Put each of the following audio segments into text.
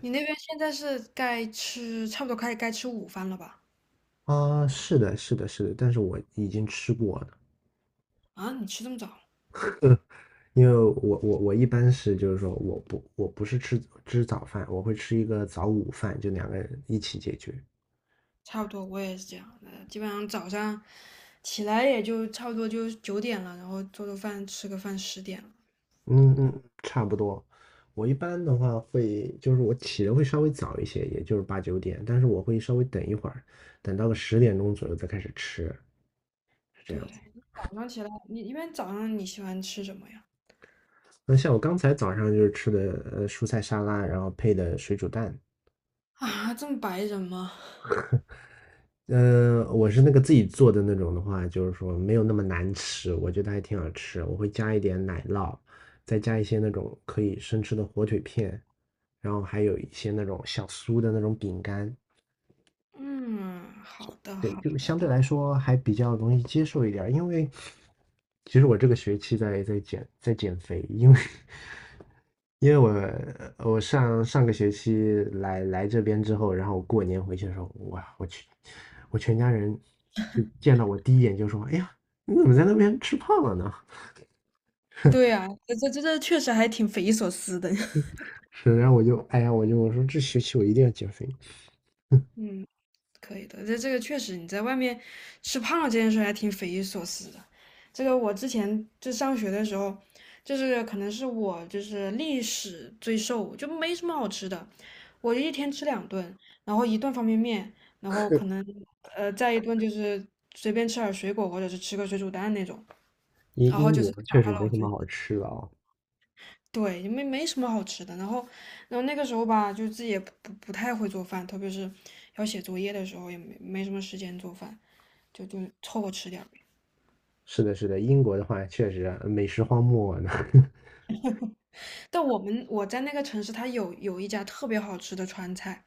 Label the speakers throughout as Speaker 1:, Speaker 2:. Speaker 1: 你那边现在是该吃，差不多快该吃午饭了吧？
Speaker 2: 啊，是的，是的，是的，但是我已经吃过了，
Speaker 1: 啊，你吃这么早？
Speaker 2: 因为我一般是就是说我不是吃早饭，我会吃一个早午饭，就两个人一起解决。
Speaker 1: 差不多，我也是这样的，基本上早上起来也就差不多就9点了，然后做做饭，吃个饭，10点了。
Speaker 2: 嗯嗯，差不多。我一般的话会就是我起的会稍微早一些，也就是8、9点，但是我会稍微等一会儿，等到个10点钟左右再开始吃，是这
Speaker 1: 对，
Speaker 2: 样子。
Speaker 1: 早上起来，你一般早上你喜欢吃什么呀？
Speaker 2: 那像我刚才早上就是吃的蔬菜沙拉，然后配的水煮蛋，
Speaker 1: 啊，这么白人吗？
Speaker 2: 嗯、我是那个自己做的那种的话，就是说没有那么难吃，我觉得还挺好吃。我会加一点奶酪，再加一些那种可以生吃的火腿片，然后还有一些那种小酥的那种饼干，
Speaker 1: 嗯，好的
Speaker 2: 对，
Speaker 1: 好
Speaker 2: 就
Speaker 1: 的。
Speaker 2: 相对来说还比较容易接受一点儿因为其实我这个学期在减肥，因为 我上个学期来这边之后，然后过年回去的时候，哇，我去，我全家人就见到我第一眼就说：“哎呀，你怎么在那边吃胖了呢？”
Speaker 1: 对呀，这确实还挺匪夷所思的。
Speaker 2: 是，然后我就哎呀，我说这学期我一定要减肥。
Speaker 1: 嗯，可以的，这个确实你在外面吃胖了这件事还挺匪夷所思的。这个我之前就上学的时候，就是可能是我就是历史最瘦，就没什么好吃的，我一天吃两顿，然后一顿方便面，然后可能再一顿就是随便吃点水果或者是吃个水煮蛋那种，
Speaker 2: 英
Speaker 1: 然后
Speaker 2: 英
Speaker 1: 就是
Speaker 2: 国
Speaker 1: 达
Speaker 2: 确实
Speaker 1: 到了
Speaker 2: 没
Speaker 1: 我
Speaker 2: 什么
Speaker 1: 最。
Speaker 2: 好吃的啊、
Speaker 1: 对，没什么好吃的。然后那个时候吧，就自己也不太会做饭，特别是要写作业的时候，也没什么时间做饭。就凑合吃点儿。
Speaker 2: 是的，是的，英国的话确实啊美食荒漠呢。
Speaker 1: 但我们我在那个城市，它有一家特别好吃的川菜，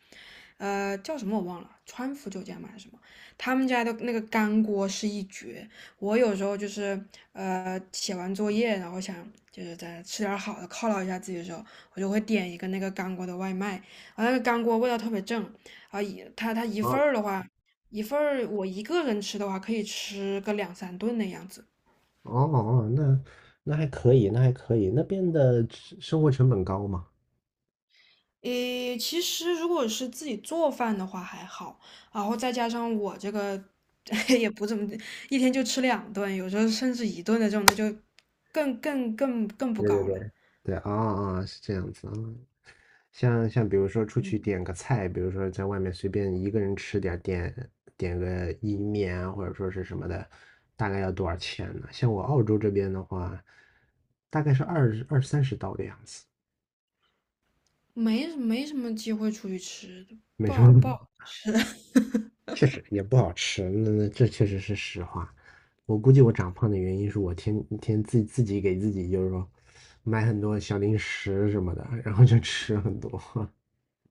Speaker 1: 叫什么我忘了，川福酒家嘛还是什么？他们家的那个干锅是一绝。我有时候就是写完作业，然后想就是在吃点儿好的犒劳一下自己的时候，我就会点一个那个干锅的外卖，然后那个干锅味道特别正，啊一它一份儿的话，一份儿我一个人吃的话可以吃个两三顿那样子。
Speaker 2: 哦哦，那还可以，那还可以。那边的吃生活成本高嘛？
Speaker 1: 诶，其实如果是自己做饭的话还好，然后再加上我这个 也不怎么，一天就吃两顿，有时候甚至一顿的这种，那就更不
Speaker 2: 对对
Speaker 1: 高了，
Speaker 2: 对，对啊啊，是这样子啊。像比如说出去点个菜，比如说在外面随便一个人吃点儿点个意面啊，或者说是什么的，大概要多少钱呢？像我澳洲这边的话，大概是二三十刀的样子，
Speaker 1: 没什么机会出去吃，
Speaker 2: 没
Speaker 1: 不
Speaker 2: 什
Speaker 1: 好
Speaker 2: 么，
Speaker 1: 不好吃。
Speaker 2: 确实也不好吃，那这确实是实话。我估计我长胖的原因是我天天自己给自己就是说买很多小零食什么的，然后就吃很多。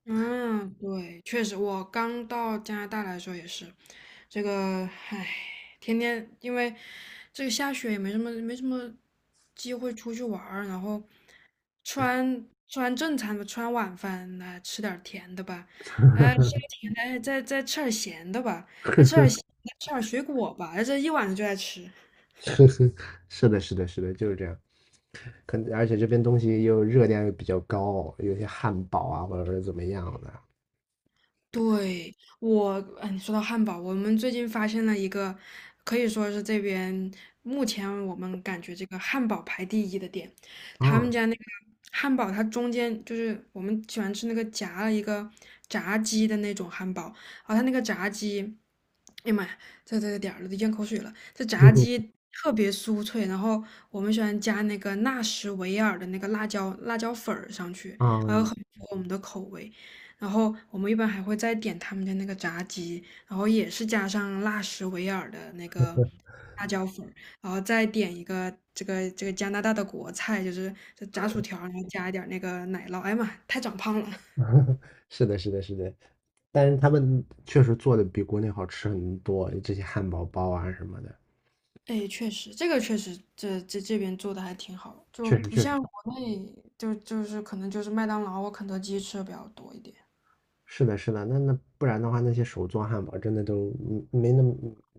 Speaker 1: 嗯，对，确实，我刚到加拿大来说也是，这个，唉，天天因为这个下雪也没什么机会出去玩儿，然后吃完正餐吧，吃完晚饭来吃点儿甜的吧，哎，吃点甜的，哎再吃点儿咸的吧，再吃点儿咸的，吃点儿水果吧，哎，这一晚上就在吃。
Speaker 2: 是的，是的，是的，就是这样。可能而且这边东西又热量又比较高，有些汉堡啊或者是怎么样的
Speaker 1: 对，我，你说到汉堡，我们最近发现了一个，可以说是这边目前我们感觉这个汉堡排第一的店，他们
Speaker 2: 啊，
Speaker 1: 家那个汉堡，它中间就是我们喜欢吃那个夹了一个炸鸡的那种汉堡，啊，后它那个炸鸡，哎呀妈呀，这这点儿了都咽口水了，这炸
Speaker 2: 嗯
Speaker 1: 鸡特别酥脆，然后我们喜欢加那个纳什维尔的那个辣椒粉儿上去，
Speaker 2: 啊，
Speaker 1: 然后很符合我们的口味。然后我们一般还会再点他们家那个炸鸡，然后也是加上辣什维尔的那个辣椒粉儿，然后再点一个这个加拿大的国菜，就是这炸薯条，然后加一点儿那个奶酪。哎呀妈，太长胖了！
Speaker 2: 是的，是的，是的。但是他们确实做的比国内好吃很多，这些汉堡包啊什么的，
Speaker 1: 哎，确实，这个确实，这边做的还挺好，就
Speaker 2: 确实
Speaker 1: 不
Speaker 2: 确实。
Speaker 1: 像国内，就是可能就是麦当劳或肯德基吃的比较多一点。
Speaker 2: 是的，是的，那不然的话，那些手做汉堡真的都嗯没那么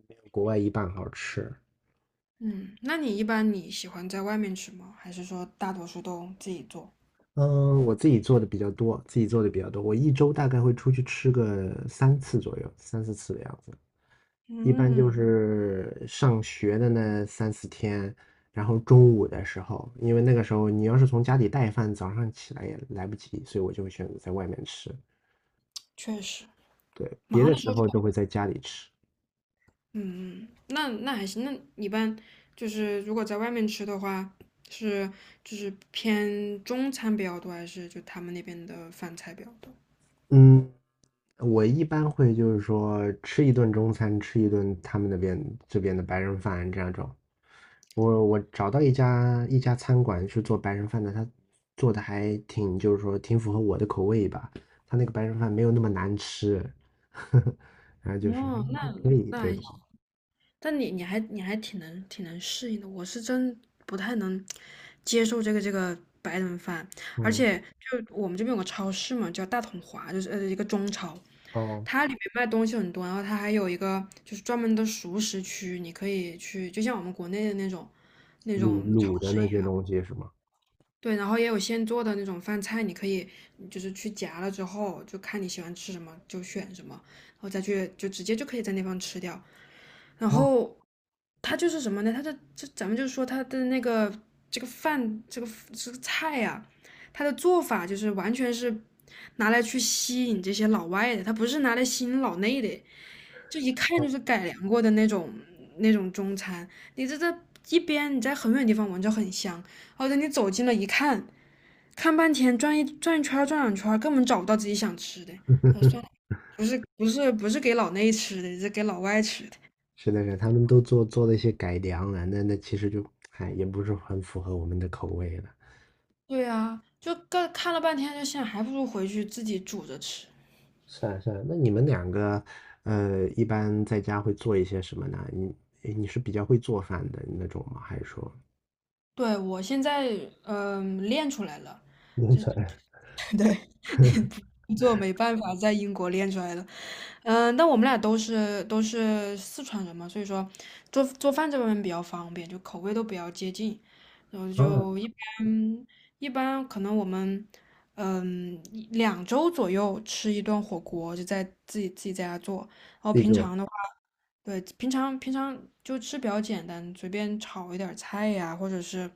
Speaker 2: 没有国外一半好吃。
Speaker 1: 嗯，那你一般你喜欢在外面吃吗？还是说大多数都自己做？
Speaker 2: 嗯，我自己做的比较多，自己做的比较多。我一周大概会出去吃个3次左右，三四次的样子。一般就
Speaker 1: 嗯，
Speaker 2: 是上学的那三四天，然后中午的时候，因为那个时候你要是从家里带饭，早上起来也来不及，所以我就会选择在外面吃。
Speaker 1: 确实，
Speaker 2: 对，别
Speaker 1: 忙
Speaker 2: 的
Speaker 1: 的时
Speaker 2: 时
Speaker 1: 候。就。
Speaker 2: 候都会在家里吃。
Speaker 1: 嗯，那那还行。那你一般就是如果在外面吃的话，是就是偏中餐比较多，还是就他们那边的饭菜比较多？
Speaker 2: 嗯，我一般会就是说吃一顿中餐，吃一顿他们那边这边的白人饭这样种。我找到一家餐馆是做白人饭的，他做的还挺就是说挺符合我的口味吧。他那个白人饭没有那么难吃，然后就是
Speaker 1: 哦，那
Speaker 2: 还可以，
Speaker 1: 那还
Speaker 2: 对，
Speaker 1: 行。但你还你还挺能适应的，我是真不太能接受这个白人饭，而
Speaker 2: 哦
Speaker 1: 且就我们这边有个超市嘛，叫大统华，就是一个中超，
Speaker 2: 哦，
Speaker 1: 它里面卖东西很多，然后它还有一个就是专门的熟食区，你可以去，就像我们国内的那种那种
Speaker 2: 卤
Speaker 1: 超
Speaker 2: 卤的
Speaker 1: 市一
Speaker 2: 那些
Speaker 1: 样。
Speaker 2: 东西是吗？
Speaker 1: 对，然后也有现做的那种饭菜，你可以就是去夹了之后，就看你喜欢吃什么就选什么，然后再去就直接就可以在那方吃掉。然
Speaker 2: 哦
Speaker 1: 后它就是什么呢？它的这咱们就说它的那个这个饭这个这个菜呀、它的做法就是完全是拿来去吸引这些老外的，它不是拿来吸引老内的。就一看
Speaker 2: 哦，
Speaker 1: 就是改良过的那种那种中餐。你这一边你在很远地方闻着很香，而且你走近了一看，看半天转一转一圈儿转两圈儿根本找不到自己想吃的。啊，算了，不是不是不是给老内吃的，是给老外吃的。
Speaker 2: 是的是的他们都做了一些改良了，那其实就哎也不是很符合我们的口味了。
Speaker 1: 对啊，就看看了半天，就想还不如回去自己煮着吃。
Speaker 2: 是啊，是啊，那你们两个，一般在家会做一些什么呢？你是比较会做饭的那种吗？还是说
Speaker 1: 对，我现在练出来了，
Speaker 2: 农
Speaker 1: 这
Speaker 2: 村，
Speaker 1: 对，不做没办法，在英国练出来了。但我们俩都是四川人嘛，所以说做做饭这方面比较方便，就口味都比较接近，然后
Speaker 2: 啊，
Speaker 1: 就一般可能我们一两周左右吃一顿火锅，就在自己在家做，然后
Speaker 2: 自己
Speaker 1: 平
Speaker 2: 做
Speaker 1: 常的话，对，平常就吃比较简单，随便炒一点儿菜呀，或者是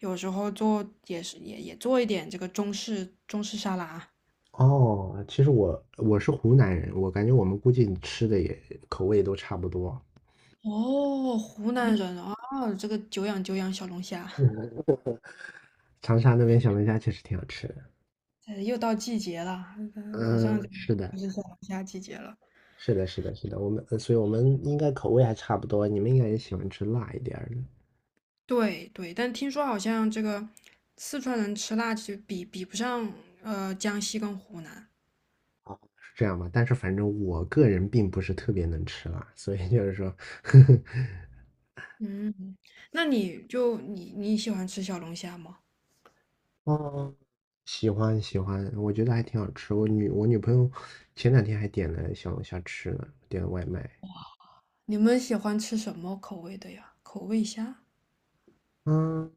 Speaker 1: 有时候做也是也做一点这个中式沙拉。
Speaker 2: 哦，其实我是湖南人，我感觉我们估计吃的也口味都差不多。
Speaker 1: 哦，湖南人啊，这个久仰久仰小龙虾，
Speaker 2: 长沙那边小龙虾确实挺好吃的。
Speaker 1: 又到季节了，马上
Speaker 2: 嗯，是的，
Speaker 1: 就是小龙虾季节了。
Speaker 2: 是的，是的，是的，我们，所以我们应该口味还差不多，你们应该也喜欢吃辣一点儿的。
Speaker 1: 对对，但听说好像这个四川人吃辣，其实比不上江西跟湖南。
Speaker 2: 哦，是这样吧？但是反正我个人并不是特别能吃辣，所以就是说，呵呵，
Speaker 1: 嗯，那你就你你喜欢吃小龙虾吗？
Speaker 2: 哦，喜欢喜欢，我觉得还挺好吃。我女朋友前2天还点了小龙虾吃呢，点了外卖。
Speaker 1: 你们喜欢吃什么口味的呀？口味虾？
Speaker 2: 嗯，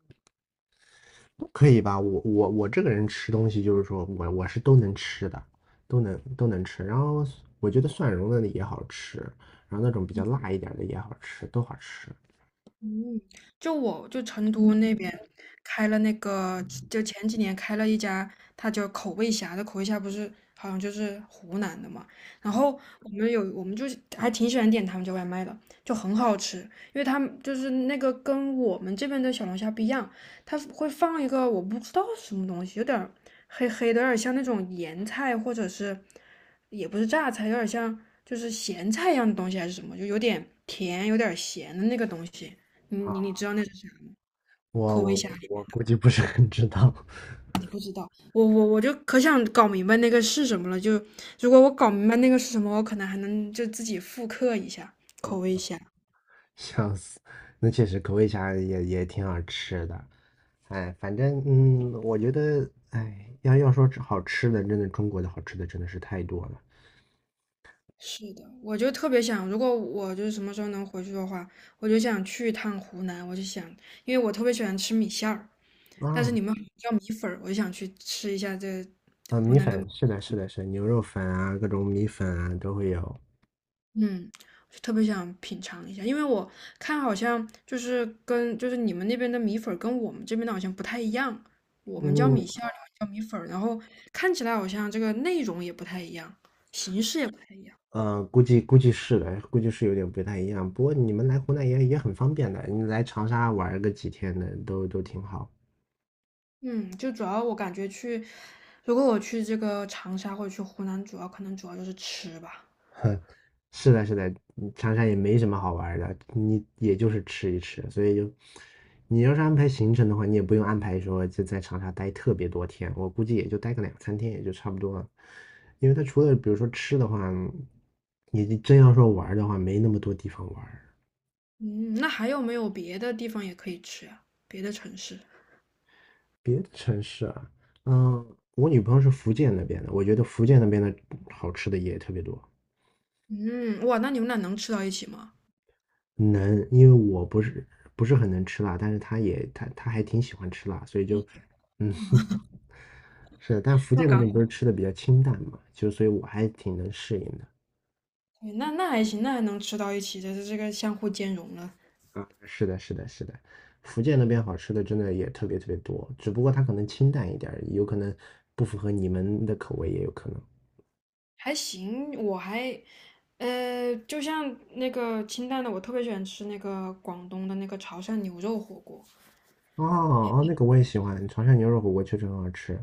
Speaker 2: 可以吧？我这个人吃东西就是说我是都能吃的，都能吃。然后我觉得蒜蓉的也好吃，然后那种比较辣一点的也好吃，都好吃
Speaker 1: 嗯，就我成都那边开了那个，就前几年开了一家，它叫口味虾这口味虾，不是好像就是湖南的嘛。然后我们就是还挺喜欢点他们家外卖的，就很好吃，因为他们就是那个跟我们这边的小龙虾不一样，它会放一个我不知道什么东西，有点儿黑黑的，有点像那种盐菜或者是也不是榨菜，有点像就是咸菜一样的东西还是什么，就有点甜，有点咸的那个东西。你
Speaker 2: 啊。
Speaker 1: 你你知道那是啥吗？口
Speaker 2: 我
Speaker 1: 味
Speaker 2: 我
Speaker 1: 虾米
Speaker 2: 我我估计不是很知道。
Speaker 1: 我就可想搞明白那个是什么了。就如果我搞明白那个是什么，我可能还能就自己复刻一下口味虾。
Speaker 2: 笑死，那确实口味虾也挺好吃的。哎，反正我觉得哎，要说吃好吃的，真的中国的好吃的真的是太多了
Speaker 1: 是的，我就特别想，如果我就是什么时候能回去的话，我就想去一趟湖南。我就想，因为我特别喜欢吃米线儿，但是
Speaker 2: 啊
Speaker 1: 你们好像叫米粉儿，我就想去吃一下这
Speaker 2: 啊！
Speaker 1: 湖
Speaker 2: 米
Speaker 1: 南的
Speaker 2: 粉是的，是的，是的牛肉粉啊，各种米粉啊都会有。
Speaker 1: 嗯，我就特别想品尝一下，因为我看好像就是跟就是你们那边的米粉儿跟我们这边的好像不太一样，我们叫
Speaker 2: 嗯
Speaker 1: 米线儿，你们叫米粉儿，然后看起来好像这个内容也不太一样，形式也不太一样。
Speaker 2: 估计是的，估计是有点不太一样。不过你们来湖南也很方便的，你来长沙玩儿个几天的都挺好。
Speaker 1: 嗯，就主要我感觉去，如果我去这个长沙或者去湖南，主要可能主要就是吃吧。
Speaker 2: 是的，是的，长沙也没什么好玩儿的，你也就是吃一吃，所以就，你要是安排行程的话，你也不用安排说就在长沙待特别多天，我估计也就待个两三天也就差不多了，因为他除了比如说吃的话，你真要说玩儿的话，没那么多地方玩儿
Speaker 1: 嗯，那还有没有别的地方也可以吃啊？别的城市？
Speaker 2: 别的城市啊，嗯，我女朋友是福建那边的，我觉得福建那边的好吃的也特别多。
Speaker 1: 嗯，哇，那你们俩能吃到一起吗？
Speaker 2: 能，因为我不是很能吃辣，但是她也她还挺喜欢吃辣，所以就，嗯，是的，但福建那边不是吃的比较清淡嘛，就所以我还挺能适应的。
Speaker 1: 对那那还行，那还能吃到一起，这是这个相互兼容了，
Speaker 2: 啊，是的，是的，是的，福建那边好吃的真的也特别特别多，只不过它可能清淡一点儿有可能不符合你们的口味，也有可能。
Speaker 1: 还行。我还，就像那个清淡的，我特别喜欢吃那个广东的那个潮汕牛肉火锅，
Speaker 2: 哦哦，那个我也喜欢，潮汕牛肉火锅确实很好吃，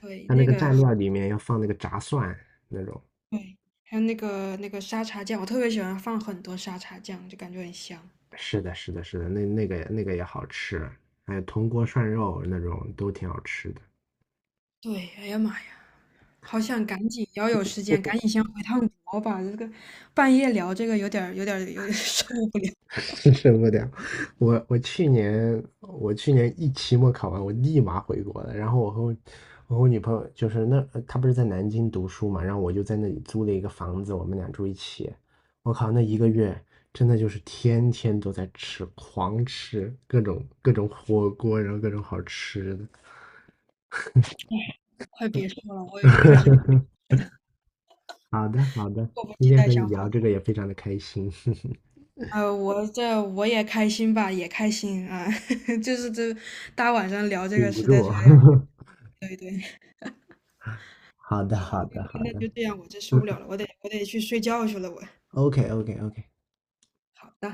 Speaker 1: 对，
Speaker 2: 它那
Speaker 1: 那
Speaker 2: 个
Speaker 1: 个
Speaker 2: 蘸料里面要放那个炸蒜那种。
Speaker 1: 对，还有那个那个沙茶酱，我特别喜欢放很多沙茶酱，就感觉很香。
Speaker 2: 是的，是的，是的，那那个也好吃，还有铜锅涮肉那种都挺好吃的。
Speaker 1: 对，哎呀妈呀，好想赶紧，要有时间赶紧先回趟国吧，这个半夜聊这个有点儿 受不了。
Speaker 2: 是受不了。我去年一期末考完，我立马回国了。然后我和我女朋友就是那她不是在南京读书嘛，然后我就在那里租了一个房子，我们俩住一起。我靠，那1个月真的就是天天都在吃，狂吃各种各种火锅，然后各种好吃的。
Speaker 1: 快别说了，我已经开始
Speaker 2: 好的好的，
Speaker 1: 迫不
Speaker 2: 今
Speaker 1: 及
Speaker 2: 天和
Speaker 1: 待
Speaker 2: 你
Speaker 1: 想。
Speaker 2: 聊这个也非常的开心，
Speaker 1: 我这我也开心吧，也开心啊，就是这大晚上聊这个
Speaker 2: 顶不
Speaker 1: 实在
Speaker 2: 住。
Speaker 1: 是还，对对，
Speaker 2: 好的
Speaker 1: 好，
Speaker 2: 好的好
Speaker 1: 那那
Speaker 2: 的，
Speaker 1: 就这样，我这受不了
Speaker 2: 嗯
Speaker 1: 了，我得去睡觉去了，我。
Speaker 2: ，OK OK OK。
Speaker 1: 好的。